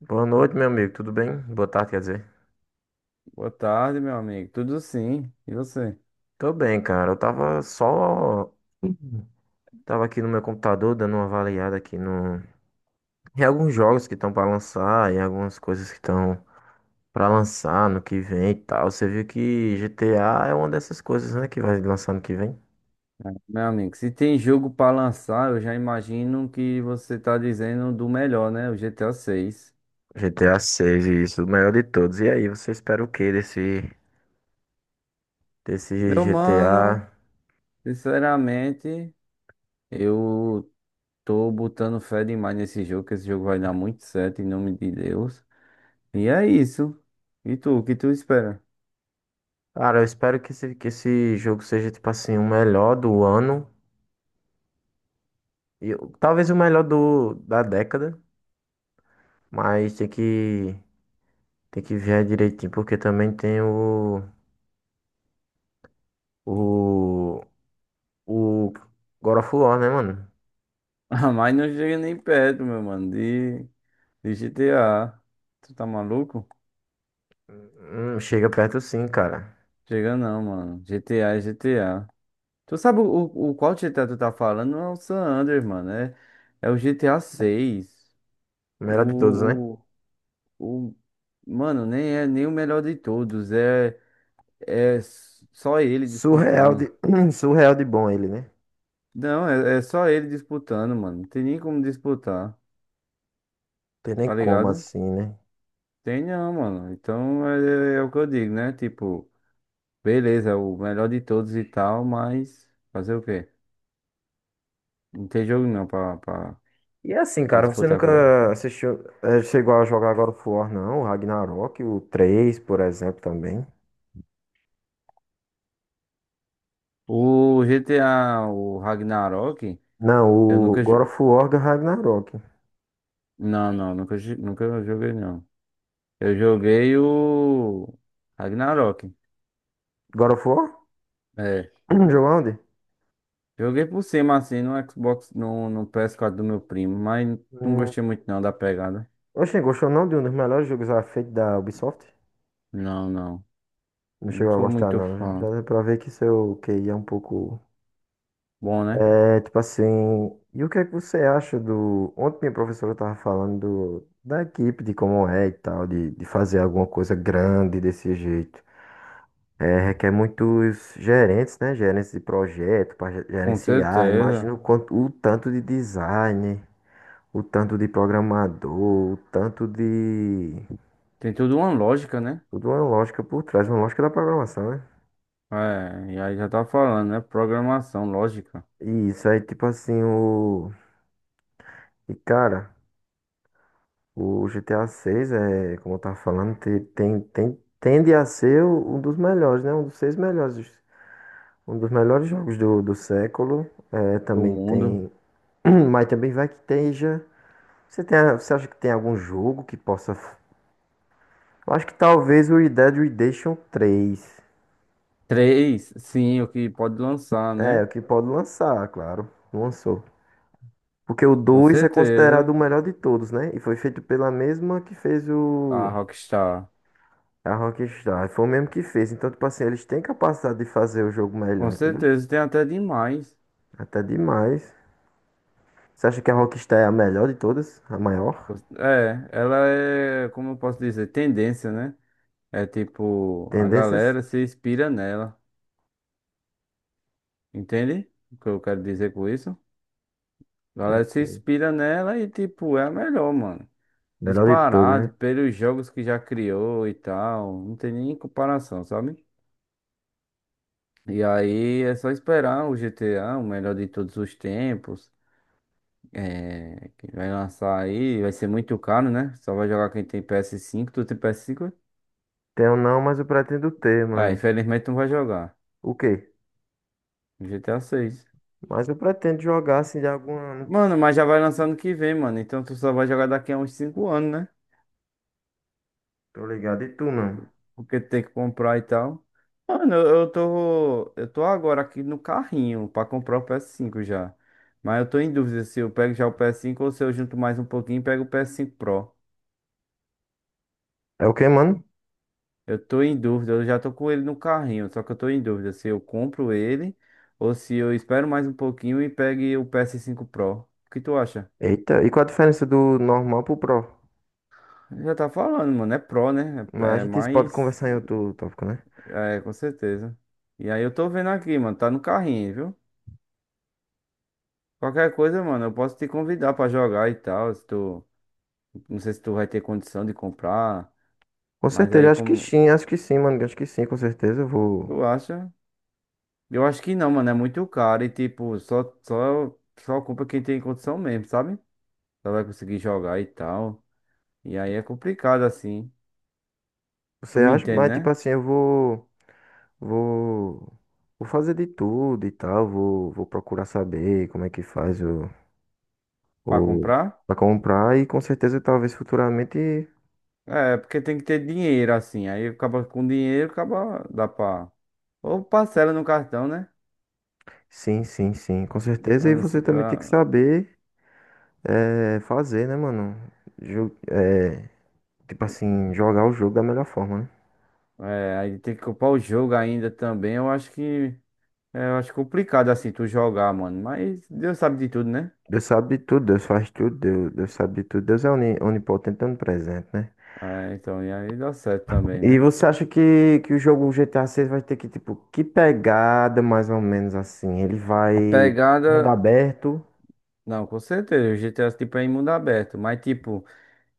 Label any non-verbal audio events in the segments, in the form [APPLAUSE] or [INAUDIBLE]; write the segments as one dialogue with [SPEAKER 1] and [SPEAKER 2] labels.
[SPEAKER 1] Boa noite, meu amigo. Tudo bem? Boa tarde, quer dizer.
[SPEAKER 2] Boa tarde, meu amigo. Tudo sim. E você?
[SPEAKER 1] Tô bem, cara. Eu tava só. Tava aqui no meu computador dando uma avaliada aqui no. Em alguns jogos que estão pra lançar, em algumas coisas que estão pra lançar no que vem e tal. Você viu que GTA é uma dessas coisas, né? Que vai lançar no que vem.
[SPEAKER 2] Meu amigo, se tem jogo pra lançar, eu já imagino que você tá dizendo do melhor, né? O GTA 6.
[SPEAKER 1] GTA 6, isso, o melhor de todos. E aí, você espera o que desse
[SPEAKER 2] Meu mano,
[SPEAKER 1] GTA?
[SPEAKER 2] sinceramente, eu tô botando fé demais nesse jogo, que esse jogo vai dar muito certo, em nome de Deus. E é isso. E tu, o que tu espera? [LAUGHS]
[SPEAKER 1] Cara, eu espero que esse jogo seja, tipo assim, o melhor do ano. E, talvez o melhor da década. Mas tem que ver direitinho, porque também tem o, o God of War, né, mano?
[SPEAKER 2] Ah, mas não chega nem perto, meu mano, de GTA. Tu tá maluco?
[SPEAKER 1] Chega perto sim, cara.
[SPEAKER 2] Chega não, mano. GTA é GTA. Tu sabe o qual GTA tu tá falando? Não é o San Andreas, mano. É o GTA seis.
[SPEAKER 1] O melhor de todos, né?
[SPEAKER 2] O, o, o- Mano, nem é nem o melhor de todos. É só ele
[SPEAKER 1] Surreal de,
[SPEAKER 2] disputando.
[SPEAKER 1] [CLEARS THROAT] Surreal de bom ele, né?
[SPEAKER 2] Não, é só ele disputando, mano. Não tem nem como disputar,
[SPEAKER 1] Tem nem
[SPEAKER 2] tá
[SPEAKER 1] como
[SPEAKER 2] ligado?
[SPEAKER 1] assim, né?
[SPEAKER 2] Tem não, mano. Então é o que eu digo, né? Tipo, beleza, é o melhor de todos e tal, mas fazer o quê? Não tem jogo não pra,
[SPEAKER 1] E é assim, cara, você
[SPEAKER 2] disputar com ele.
[SPEAKER 1] nunca assistiu, chegou a jogar God of War, não? O Ragnarok, o 3, por exemplo, também.
[SPEAKER 2] O GTA, o Ragnarok,
[SPEAKER 1] Não,
[SPEAKER 2] eu
[SPEAKER 1] o
[SPEAKER 2] nunca.
[SPEAKER 1] God
[SPEAKER 2] Jo-
[SPEAKER 1] of War do Ragnarok.
[SPEAKER 2] Não, não, nunca, nunca joguei, não. Eu joguei o Ragnarok.
[SPEAKER 1] God of War?
[SPEAKER 2] É.
[SPEAKER 1] [CLEARS THROAT] Jogou onde?
[SPEAKER 2] Joguei por cima, assim, no Xbox, no PS4 do meu primo, mas não gostei muito, não, da pegada.
[SPEAKER 1] Oxe, gostou não de um dos melhores jogos já feitos da Ubisoft?
[SPEAKER 2] Não, não.
[SPEAKER 1] Não
[SPEAKER 2] Não
[SPEAKER 1] chegou a
[SPEAKER 2] sou
[SPEAKER 1] gostar,
[SPEAKER 2] muito
[SPEAKER 1] não.
[SPEAKER 2] fã.
[SPEAKER 1] Já deu pra ver que seu QI é um pouco.
[SPEAKER 2] Bom, né?
[SPEAKER 1] É, tipo assim. E o que é que você acha do. Ontem minha professora tava falando do, da equipe, de como é e tal, de fazer alguma coisa grande desse jeito. É, requer muitos gerentes, né? Gerentes de projeto para
[SPEAKER 2] Com
[SPEAKER 1] gerenciar.
[SPEAKER 2] certeza.
[SPEAKER 1] Imagina o quanto, o tanto de design, o tanto de programador, o tanto de.
[SPEAKER 2] Tem tudo uma lógica, né?
[SPEAKER 1] Tudo uma lógica por trás, uma lógica da programação, né?
[SPEAKER 2] É, e aí já tá falando, né? Programação, lógica
[SPEAKER 1] E isso aí, tipo assim, o. E cara, o GTA 6 é, como eu tava falando, tende a ser um dos melhores, né? Um dos seis melhores. Um dos melhores jogos do século. É,
[SPEAKER 2] do
[SPEAKER 1] também
[SPEAKER 2] mundo.
[SPEAKER 1] tem. [CLEARS THROAT] Mas também vai que esteja. Você acha que tem algum jogo que possa. Eu acho que talvez o Red Dead Redemption três.
[SPEAKER 2] Três, sim, o que pode lançar,
[SPEAKER 1] É,
[SPEAKER 2] né?
[SPEAKER 1] o que pode lançar, claro. Não lançou. Porque o
[SPEAKER 2] Com
[SPEAKER 1] dois é considerado o
[SPEAKER 2] certeza,
[SPEAKER 1] melhor de todos, né? E foi feito pela mesma que fez
[SPEAKER 2] a
[SPEAKER 1] o.
[SPEAKER 2] Rockstar.
[SPEAKER 1] A Rockstar. Foi o mesmo que fez. Então, tipo assim, eles têm capacidade de fazer o jogo
[SPEAKER 2] Com
[SPEAKER 1] melhor, entendeu?
[SPEAKER 2] certeza, tem até demais.
[SPEAKER 1] Até demais. Você acha que a Rockstar é a melhor de todas? A maior?
[SPEAKER 2] É, ela é, como eu posso dizer, tendência, né? É tipo, a
[SPEAKER 1] Tendências?
[SPEAKER 2] galera se inspira nela, entende? O que eu quero dizer com isso? A galera se
[SPEAKER 1] Tem.
[SPEAKER 2] inspira nela e, tipo, é a melhor, mano.
[SPEAKER 1] Melhor de todas,
[SPEAKER 2] Disparado
[SPEAKER 1] né?
[SPEAKER 2] pelos jogos que já criou e tal. Não tem nem comparação, sabe? E aí é só esperar o GTA, o melhor de todos os tempos. É, que vai lançar aí, vai ser muito caro, né? Só vai jogar quem tem PS5, tu tem PS5?
[SPEAKER 1] Tenho não, mas eu pretendo ter,
[SPEAKER 2] Ah,
[SPEAKER 1] mano.
[SPEAKER 2] infelizmente tu não vai jogar.
[SPEAKER 1] O quê?
[SPEAKER 2] GTA 6.
[SPEAKER 1] Mas eu pretendo jogar assim de algum.
[SPEAKER 2] Mano, mas já vai lançar ano que vem, mano. Então tu só vai jogar daqui a uns 5 anos, né?
[SPEAKER 1] Tô ligado. E tu, mano?
[SPEAKER 2] Porque tem que comprar e tal. Mano, eu tô. Eu tô agora aqui no carrinho pra comprar o PS5 já. Mas eu tô em dúvida se eu pego já o PS5 ou se eu junto mais um pouquinho e pego o PS5 Pro.
[SPEAKER 1] É o quê, mano?
[SPEAKER 2] Eu tô em dúvida, eu já tô com ele no carrinho, só que eu tô em dúvida se eu compro ele ou se eu espero mais um pouquinho e pegue o PS5 Pro. O que tu acha?
[SPEAKER 1] Eita, e qual a diferença do normal pro Pro?
[SPEAKER 2] Já tá falando, mano, é Pro, né? É
[SPEAKER 1] Mas a
[SPEAKER 2] é
[SPEAKER 1] gente pode
[SPEAKER 2] mais.
[SPEAKER 1] conversar em outro tópico, né?
[SPEAKER 2] É, com certeza. E aí eu tô vendo aqui, mano, tá no carrinho, viu? Qualquer coisa, mano, eu posso te convidar pra jogar e tal, se tu... Não sei se tu vai ter condição de comprar,
[SPEAKER 1] Com
[SPEAKER 2] mas
[SPEAKER 1] certeza,
[SPEAKER 2] aí como...
[SPEAKER 1] mano. Acho que sim, com certeza. Eu vou.
[SPEAKER 2] Tu acha? Eu acho que não, mano, é muito caro e, tipo, só compra quem tem condição mesmo, sabe? Só vai conseguir jogar e tal. E aí é complicado assim. Tu
[SPEAKER 1] Você
[SPEAKER 2] me
[SPEAKER 1] acha?
[SPEAKER 2] entende,
[SPEAKER 1] Mas, tipo
[SPEAKER 2] né?
[SPEAKER 1] assim, eu vou. Vou, Vou fazer de tudo e tal. Vou procurar saber como é que faz
[SPEAKER 2] Pra
[SPEAKER 1] o
[SPEAKER 2] comprar?
[SPEAKER 1] para comprar e com certeza talvez futuramente.
[SPEAKER 2] É, porque tem que ter dinheiro assim. Aí acaba com dinheiro, acaba dá pra. Ou parcela no cartão, né?
[SPEAKER 1] Sim, com certeza.
[SPEAKER 2] Eu
[SPEAKER 1] E
[SPEAKER 2] não
[SPEAKER 1] você
[SPEAKER 2] sei,
[SPEAKER 1] também tem que
[SPEAKER 2] ah,
[SPEAKER 1] saber fazer, né, mano? Ju- eh, tipo assim, jogar o jogo da melhor forma, né?
[SPEAKER 2] é, aí tem que comprar o jogo ainda também. Eu acho que. É, eu acho complicado assim tu jogar, mano. Mas Deus sabe de tudo, né?
[SPEAKER 1] Deus sabe de tudo, Deus faz tudo, Deus sabe de tudo. Deus é onipotente, onipresente, né?
[SPEAKER 2] É, então, e aí dá certo também,
[SPEAKER 1] E
[SPEAKER 2] né?
[SPEAKER 1] você acha que o jogo GTA 6 vai ter que, tipo, que pegada mais ou menos assim? Ele
[SPEAKER 2] A
[SPEAKER 1] vai mundo
[SPEAKER 2] pegada.
[SPEAKER 1] aberto?
[SPEAKER 2] Não, com certeza. O GTA tipo é em mundo aberto. Mas tipo.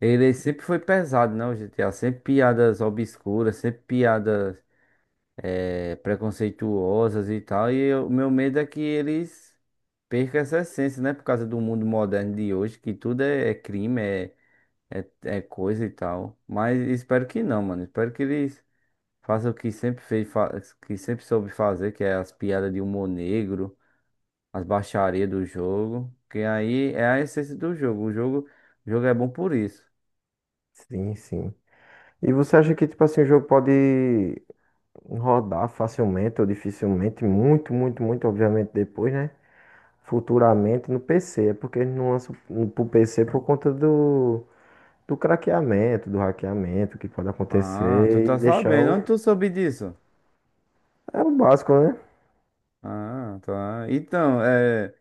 [SPEAKER 2] Ele sempre foi pesado, né? O GTA, sempre piadas obscuras, sempre piadas preconceituosas e tal. O meu medo é que eles percam essa essência, né? Por causa do mundo moderno de hoje, que tudo é, é crime, é, é coisa e tal. Mas espero que não, mano. Espero que eles façam o que sempre fez, que sempre soube fazer, que é as piadas de humor negro, as baixarias do jogo. Que aí é a essência do jogo. O jogo é bom por isso.
[SPEAKER 1] Sim, sim. E você acha que, tipo assim, o jogo pode rodar facilmente ou dificilmente? Muito, muito, muito, obviamente, depois, né? Futuramente no PC. É porque eles não lançam pro PC por conta do craqueamento, do hackeamento que pode
[SPEAKER 2] Ah, tu
[SPEAKER 1] acontecer e
[SPEAKER 2] tá
[SPEAKER 1] deixar
[SPEAKER 2] sabendo.
[SPEAKER 1] o.
[SPEAKER 2] Onde tu soube disso?
[SPEAKER 1] É o básico, né?
[SPEAKER 2] Ah, tá. Então, é.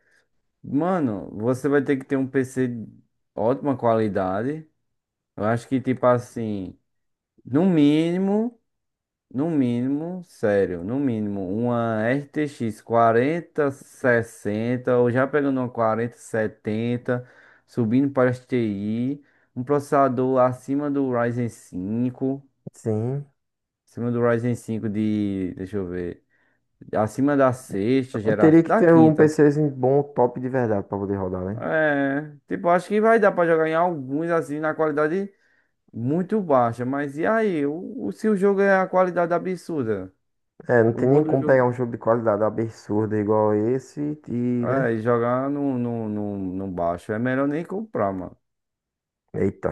[SPEAKER 2] Mano, você vai ter que ter um PC de ótima qualidade. Eu acho que, tipo assim, no mínimo, no mínimo, sério, no mínimo, uma RTX 60 ou já pegando uma 4070, subindo para as TI, um processador acima do Ryzen 5,
[SPEAKER 1] Sim.
[SPEAKER 2] de, deixa eu ver. Acima da sexta
[SPEAKER 1] Mas
[SPEAKER 2] geração.
[SPEAKER 1] teria que
[SPEAKER 2] Da
[SPEAKER 1] ter um
[SPEAKER 2] quinta.
[SPEAKER 1] PCzinho bom, top de verdade pra poder rodar, né?
[SPEAKER 2] É. Tipo, acho que vai dar pra jogar em alguns assim na qualidade muito baixa. Mas e aí? Se o jogo é a qualidade absurda?
[SPEAKER 1] É, não
[SPEAKER 2] O
[SPEAKER 1] tem
[SPEAKER 2] bom
[SPEAKER 1] nem
[SPEAKER 2] do
[SPEAKER 1] como pegar
[SPEAKER 2] jogo.
[SPEAKER 1] um jogo de qualidade absurda igual esse e, né?
[SPEAKER 2] É, e jogar no baixo. É melhor nem comprar, mano.
[SPEAKER 1] Eita.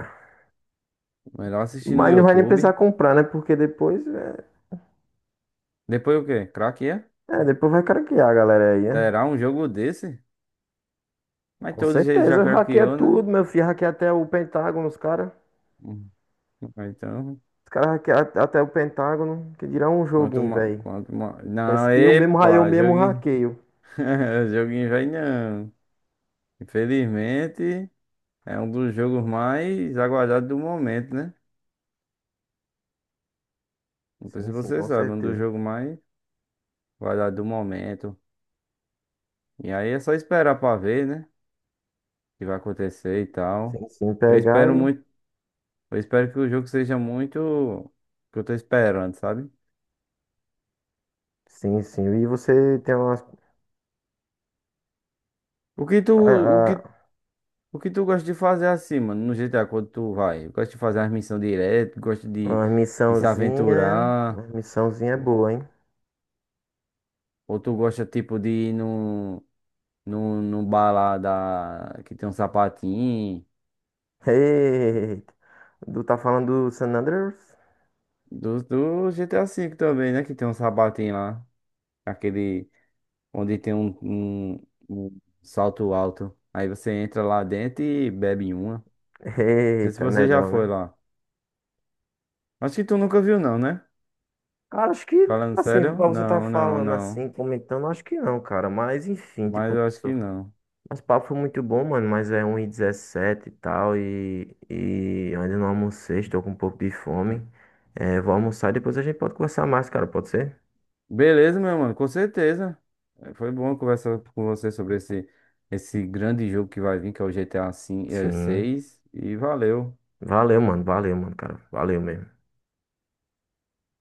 [SPEAKER 2] Melhor assistir no
[SPEAKER 1] Mas não vai nem precisar
[SPEAKER 2] YouTube.
[SPEAKER 1] comprar, né? Porque
[SPEAKER 2] Depois o quê? Craqueia?
[SPEAKER 1] depois vai craquear a galera aí, né?
[SPEAKER 2] Será um jogo desse? Mas
[SPEAKER 1] Com
[SPEAKER 2] todos eles já
[SPEAKER 1] certeza, hackeia
[SPEAKER 2] craqueou, né?
[SPEAKER 1] tudo, meu filho. Hackeia até o Pentágono, os caras.
[SPEAKER 2] Hum. Então,
[SPEAKER 1] Os caras hackeiam até o Pentágono. Que dirá um
[SPEAKER 2] quanto
[SPEAKER 1] joguinho,
[SPEAKER 2] mais.
[SPEAKER 1] velho. Parece
[SPEAKER 2] Não,
[SPEAKER 1] que eu
[SPEAKER 2] epa,
[SPEAKER 1] mesmo
[SPEAKER 2] joguinho.
[SPEAKER 1] hackeio.
[SPEAKER 2] [LAUGHS] Joguinho vai não. Infelizmente, é um dos jogos mais aguardados do momento, né? Não sei
[SPEAKER 1] Sim,
[SPEAKER 2] se
[SPEAKER 1] sim,
[SPEAKER 2] você
[SPEAKER 1] com
[SPEAKER 2] sabe, um dos
[SPEAKER 1] certeza.
[SPEAKER 2] jogos mais aguardados do momento. E aí é só esperar pra ver, né? O que vai acontecer e tal.
[SPEAKER 1] Sim, sim,
[SPEAKER 2] Eu
[SPEAKER 1] pegar
[SPEAKER 2] espero
[SPEAKER 1] e.
[SPEAKER 2] muito, eu espero que o jogo seja muito o que eu tô esperando, sabe?
[SPEAKER 1] Sim, sim. E você tem umas,
[SPEAKER 2] O que tu, o
[SPEAKER 1] a.
[SPEAKER 2] que, o que tu gosta de fazer assim, mano, no GTA quando tu vai? Gosta de fazer as missões direto, gosta
[SPEAKER 1] Uma
[SPEAKER 2] de se
[SPEAKER 1] missãozinha. Uma
[SPEAKER 2] aventurar,
[SPEAKER 1] missãozinha é boa, hein?
[SPEAKER 2] ou tu gosta tipo de ir num no, no bar lá da, que tem um sapatinho.
[SPEAKER 1] Eita. Tu tá falando do San Andreas?
[SPEAKER 2] Do, do G T GTA V também, né? Que tem um sapatinho lá. Aquele onde tem um salto alto. Aí você entra lá dentro e bebe uma. Não sei se
[SPEAKER 1] Eita,
[SPEAKER 2] você já
[SPEAKER 1] melhor,
[SPEAKER 2] foi
[SPEAKER 1] né?
[SPEAKER 2] lá. Acho que tu nunca viu, não, né?
[SPEAKER 1] Cara, acho que,
[SPEAKER 2] Falando
[SPEAKER 1] assim,
[SPEAKER 2] sério?
[SPEAKER 1] pra você tá
[SPEAKER 2] Não, não,
[SPEAKER 1] falando
[SPEAKER 2] não.
[SPEAKER 1] assim, comentando, acho que não, cara. Mas, enfim,
[SPEAKER 2] Mas
[SPEAKER 1] tipo,
[SPEAKER 2] eu acho que não.
[SPEAKER 1] nosso papo foi muito bom, mano. Mas é 1h17 e tal. E eu ainda não almocei, estou com um pouco de fome. É, vou almoçar e depois a gente pode conversar mais, cara. Pode ser?
[SPEAKER 2] Beleza, meu mano, com certeza. Foi bom conversar com você sobre esse grande jogo que vai vir, que é o G T GTA V,
[SPEAKER 1] Sim.
[SPEAKER 2] seis E valeu.
[SPEAKER 1] Valeu, mano. Cara. Valeu mesmo.